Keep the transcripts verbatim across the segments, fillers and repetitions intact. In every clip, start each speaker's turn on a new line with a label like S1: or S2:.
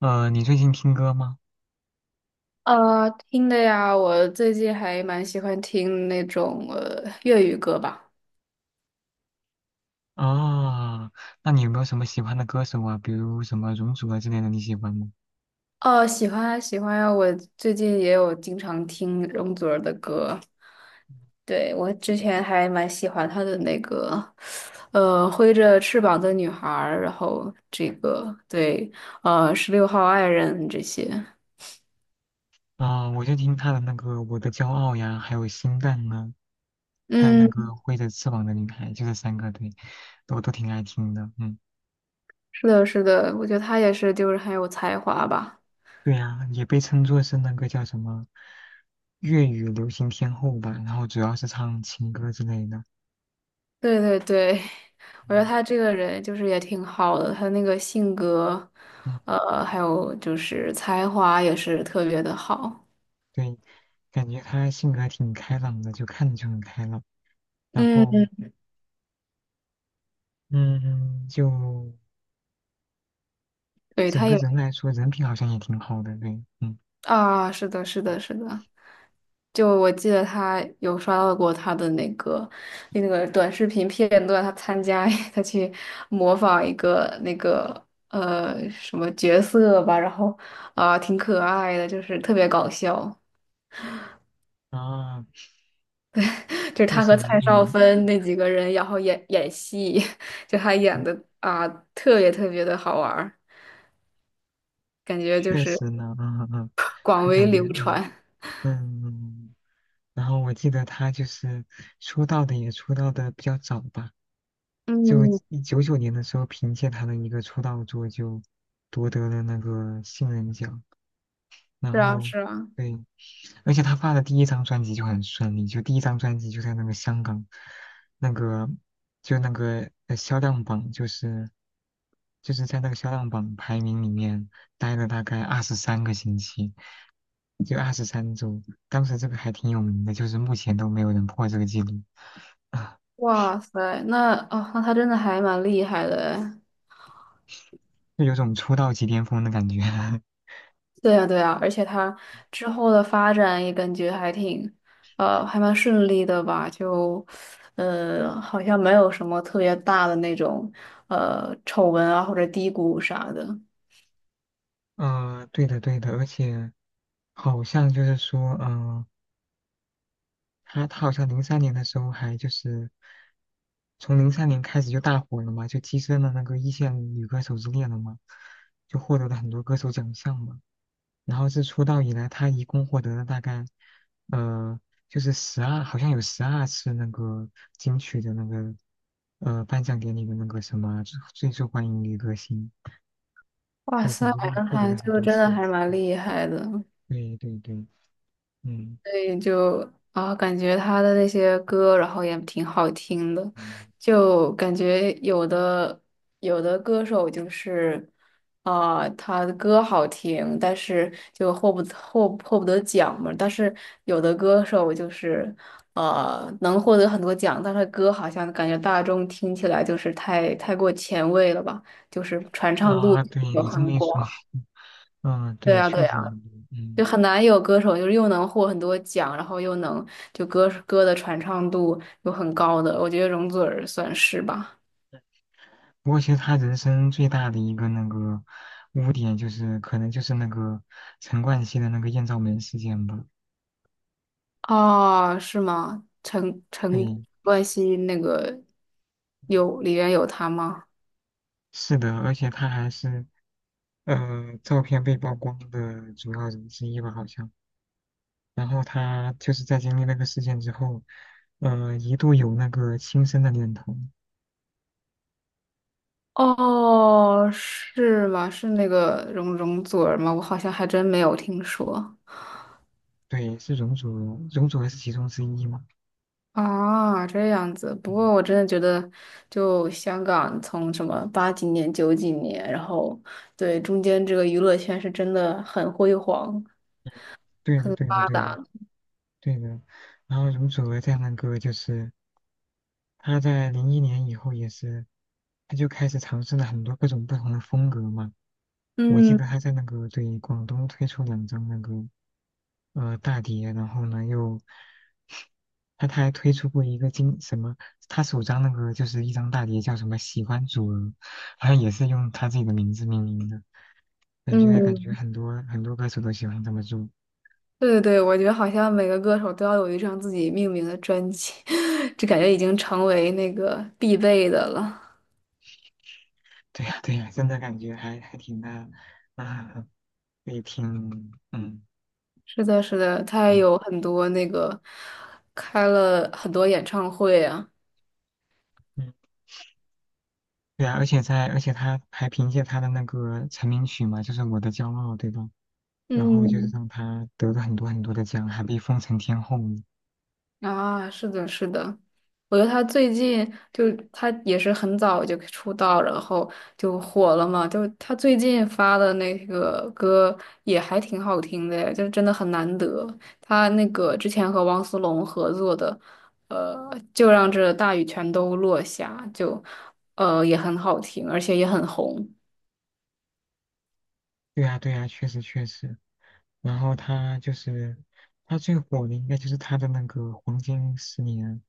S1: 呃，你最近听歌吗？
S2: 呃，听的呀，我最近还蛮喜欢听那种呃粤语歌吧。
S1: 啊，那你有没有什么喜欢的歌手啊？比如什么容祖儿之类的，你喜欢吗？
S2: 哦，喜欢啊喜欢啊，我最近也有经常听容祖儿的歌。对，我之前还蛮喜欢她的那个，呃，挥着翅膀的女孩儿，然后这个对，呃，十六号爱人这些。
S1: 啊，我就听他的那个《我的骄傲》呀，还有《心淡》啊，还有那个
S2: 嗯，
S1: 《挥着翅膀的女孩》，就这三个，对，我都挺爱听的。嗯，
S2: 是的，是的，我觉得她也是，就是很有才华吧。
S1: 对呀，也被称作是那个叫什么粤语流行天后吧，然后主要是唱情歌之类的。
S2: 对对对，我觉得
S1: 嗯
S2: 他这个人就是也挺好的，他那个性格，
S1: 嗯，
S2: 呃，还有就是才华也是特别的好。
S1: 对，感觉他性格挺开朗的，就看着就很开朗。然后，
S2: 嗯，
S1: 嗯，就
S2: 对，
S1: 整
S2: 他
S1: 个
S2: 也
S1: 人来说，人品好像也挺好的，对，嗯，
S2: 啊，是的，是的，是的。就我记得他有刷到过他的那个那个短视频片段，他参加 他去模仿一个那个呃什么角色吧，然后啊、挺可爱的，就是特别搞笑。
S1: 啊，
S2: 就是
S1: 确
S2: 他
S1: 实
S2: 和
S1: 呢，
S2: 蔡少
S1: 嗯，
S2: 芬那几个人，然后演演戏，就他演
S1: 嗯
S2: 的啊，特别特别的好玩儿，感觉就
S1: 确
S2: 是
S1: 实呢，嗯嗯，
S2: 广
S1: 嗯
S2: 为
S1: 感觉，
S2: 流
S1: 嗯
S2: 传。
S1: 嗯，然后我记得他就是出道的也出道的比较早吧，就
S2: 嗯，
S1: 九九年的时候，凭借他的一个出道作就夺得了那个新人奖，然
S2: 是啊，
S1: 后
S2: 是啊，
S1: 对，而且他发的第一张专辑就很顺利，就第一张专辑就在那个香港那个。就那个呃销量榜，就是就是在那个销量榜排名里面待了大概二十三个星期，就二十三周。当时这个还挺有名的，就是目前都没有人破这个记录啊，
S2: 哇塞，那哦，那他真的还蛮厉害的哎。
S1: 就有种出道即巅峰的感觉。
S2: 对呀，对呀，而且他之后的发展也感觉还挺，呃，还蛮顺利的吧？就，呃，好像没有什么特别大的那种，呃，丑闻啊或者低谷啥的。
S1: 嗯、呃对的对的，而且好像就是说，嗯、呃他他好像零三年的时候还就是从零三年开始就大火了嘛，就跻身了那个一线女歌手之列了嘛，就获得了很多歌手奖项嘛。然后是出道以来，他一共获得了大概，呃，就是十二，好像有十二次那个金曲的那个，呃，颁奖典礼的那个什么最最受欢迎女歌星，
S2: 哇
S1: 就感
S2: 塞，
S1: 觉真的
S2: 正
S1: 获得
S2: 还
S1: 了很
S2: 就
S1: 多
S2: 真
S1: 次。
S2: 的还蛮厉害的，所
S1: 对对对，嗯，
S2: 以就啊，感觉他的那些歌，然后也挺好听的，
S1: 嗯
S2: 就感觉有的有的歌手就是啊，他的歌好听，但是就获不获获不得奖嘛，但是有的歌手就是呃能获得很多奖，但是歌好像感觉大众听起来就是太太过前卫了吧，就是传唱度
S1: 啊，对
S2: 有
S1: 你这么
S2: 很
S1: 一说，
S2: 广。
S1: 嗯，
S2: 对
S1: 对，
S2: 呀，对
S1: 确
S2: 呀。
S1: 实很多，嗯。
S2: 就很难有歌手就是又能获很多奖，然后又能就歌歌的传唱度又很高的，我觉得容祖儿算是吧。
S1: 不过其实他人生最大的一个那个污点就是，可能就是那个陈冠希的那个艳照门事件吧。
S2: 哦，是吗？陈陈
S1: 对，
S2: 冠希那个有里面有他吗？
S1: 是的，而且他还是呃，照片被曝光的主要人之一吧，好像。然后他就是在经历那个事件之后，呃，一度有那个轻生的念头。
S2: 哦，是吗？是那个容容祖儿吗？我好像还真没有听说。
S1: 对，是容祖儿，容祖儿是其中之一嘛？
S2: 啊，这样子。不
S1: 嗯，
S2: 过我真的觉得，就香港从什么八几年、九几年，然后对中间这个娱乐圈是真的很辉煌、
S1: 对的，
S2: 很
S1: 对的，
S2: 发
S1: 对的，
S2: 达。
S1: 对的。然后容祖儿在那个就是她在零一年以后也是，她就开始尝试了很多各种不同的风格嘛。我记
S2: 嗯
S1: 得她在那个对广东推出两张那个呃大碟，然后呢又他他还推出过一个经什么，他首张那个就是一张大碟叫什么《喜欢主，人，好像也是用他自己的名字命名的，感觉感觉
S2: 嗯，
S1: 很多很多歌手都喜欢这么做。
S2: 对对对，我觉得好像每个歌手都要有一张自己命名的专辑，这感觉已经成为那个必备的了。
S1: 对呀对呀，真的感觉还还挺那啊，也挺嗯
S2: 是的，是的，他也
S1: 嗯
S2: 有很多那个开了很多演唱会啊。
S1: 嗯，对啊，而且在而且他还凭借他的那个成名曲嘛，就是《我的骄傲》，对吧？然后就是
S2: 嗯。
S1: 让他得了很多很多的奖，还被封成天后。
S2: 啊，是的，是的，我觉得他最近就他也是很早就出道，然后就火了嘛。就他最近发的那个歌也还挺好听的，就真的很难得。他那个之前和汪苏泷合作的，呃，就让这大雨全都落下，就呃也很好听，而且也很红。
S1: 对呀，对呀，确实确实。然后他就是他最火的，应该就是他的那个黄金十年，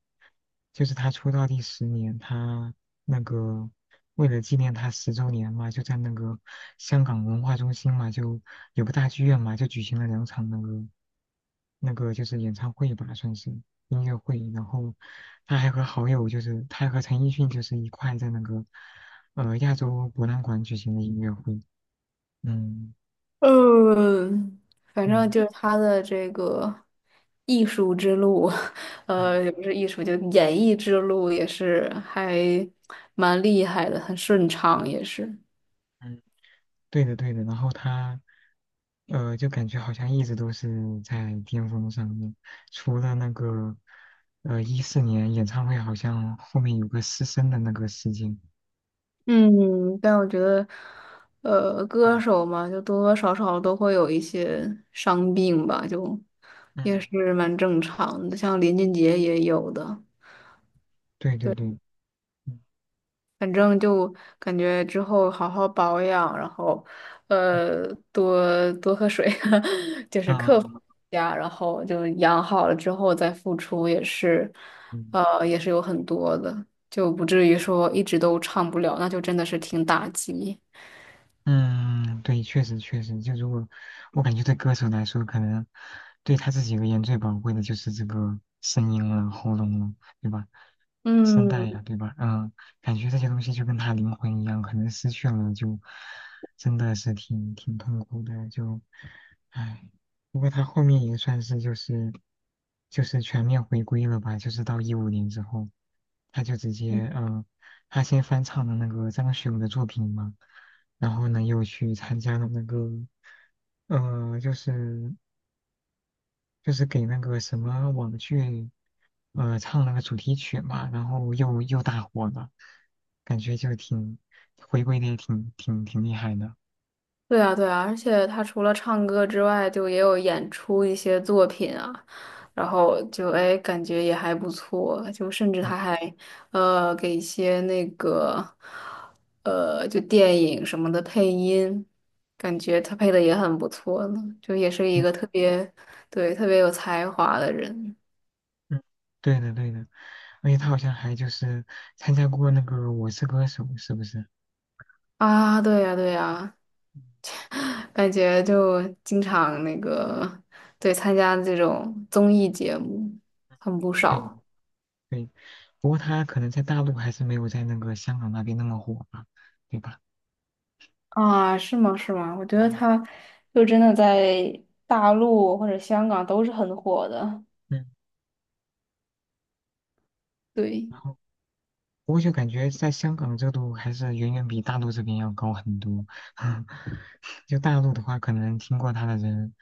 S1: 就是他出道第十年，他那个为了纪念他十周年嘛，就在那个香港文化中心嘛，就有个大剧院嘛，就举行了两场那个那个就是演唱会吧，算是音乐会。然后他还和好友，就是他还和陈奕迅就是一块在那个呃亚洲博览馆举行的音乐会。嗯
S2: 嗯，反正
S1: 嗯。
S2: 就是他的这个艺术之路，
S1: 嗯
S2: 呃，也不是艺术，就演艺之路也是还蛮厉害的，很顺畅也是。
S1: 嗯，对的对的，然后他呃，就感觉好像一直都是在巅峰上面，除了那个呃一四年演唱会，好像后面有个失声的那个事件。
S2: 嗯，但我觉得，呃，歌
S1: 嗯
S2: 手嘛，就多多少少都会有一些伤病吧，就也
S1: 嗯，
S2: 是蛮正常的，像林俊杰也有的。
S1: 对对
S2: 对
S1: 对，嗯
S2: 反正就感觉之后好好保养，然后，呃，多多喝水，就是克服
S1: 啊
S2: 一下，然后就养好了之后再付出也是，
S1: 嗯。
S2: 呃，也是有很多的，就不至于说一直都唱不了，那就真的是挺打击。
S1: 嗯，对，确实确实，就如果我感觉对歌手来说，可能对他自己而言最宝贵的就是这个声音了、喉咙了，对吧？声带
S2: 嗯。
S1: 呀，对吧？嗯，感觉这些东西就跟他灵魂一样，可能失去了就真的是挺挺痛苦的，就唉。不过他后面也算是就是就是全面回归了吧，就是到一五年之后。他就直接，嗯，他先翻唱了那个张学友的作品嘛，然后呢又去参加了那个，呃，就是就是给那个什么网剧，呃，唱那个主题曲嘛，然后又又大火了，感觉就挺回归的也挺挺挺厉害的。
S2: 对啊，对啊，而且他除了唱歌之外，就也有演出一些作品啊，然后就哎，感觉也还不错，就甚至
S1: 嗯
S2: 他还呃给一些那个呃就电影什么的配音，感觉他配的也很不错呢，就也是一
S1: 嗯
S2: 个特别对特别有才华的人
S1: 嗯，对的对的，而且他好像还就是参加过那个《我是歌手》，是不是？
S2: 啊，对呀，对呀，感觉就经常那个对参加这种综艺节目很不
S1: 对。
S2: 少。
S1: 对，不过他可能在大陆还是没有在那个香港那边那么火吧，对吧？
S2: 啊，是吗？是吗？我觉得
S1: 嗯，
S2: 他就真的在大陆或者香港都是很火的。
S1: 嗯，
S2: 对，
S1: 然后不过就感觉在香港热度还是远远比大陆这边要高很多。就大陆的话，可能听过他的人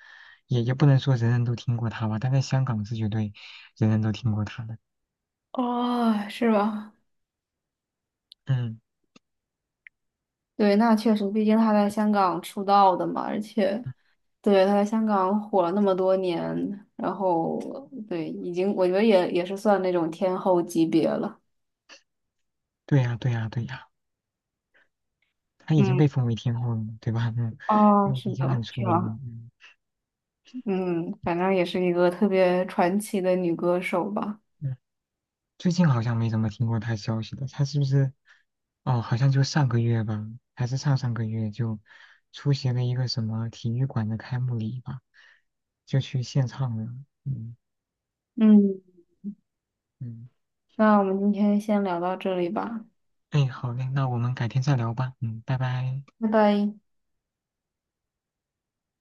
S1: 也也不能说人人都听过他吧，但在香港是绝对人人都听过他的。
S2: 哦，是吧？
S1: 嗯，
S2: 对，那确实，毕竟他在香港出道的嘛，而且对他在香港火了那么多年，然后对，已经我觉得也也是算那种天后级别了。
S1: 对呀，对呀，对呀，他已经
S2: 嗯，
S1: 被封为天后了嘛对吧？嗯，
S2: 哦，
S1: 就
S2: 是
S1: 已经很
S2: 的，
S1: 出
S2: 是
S1: 名了。
S2: 吧？
S1: 嗯，
S2: 嗯，反正也是一个特别传奇的女歌手吧。
S1: 嗯最近好像没怎么听过他消息了，他是不是？哦，好像就上个月吧，还是上上个月就出席了一个什么体育馆的开幕礼吧，就去献唱了。嗯
S2: 嗯，
S1: 嗯，
S2: 那我们今天先聊到这里吧，
S1: 哎，好嘞，那我们改天再聊吧。嗯，拜拜。
S2: 拜拜。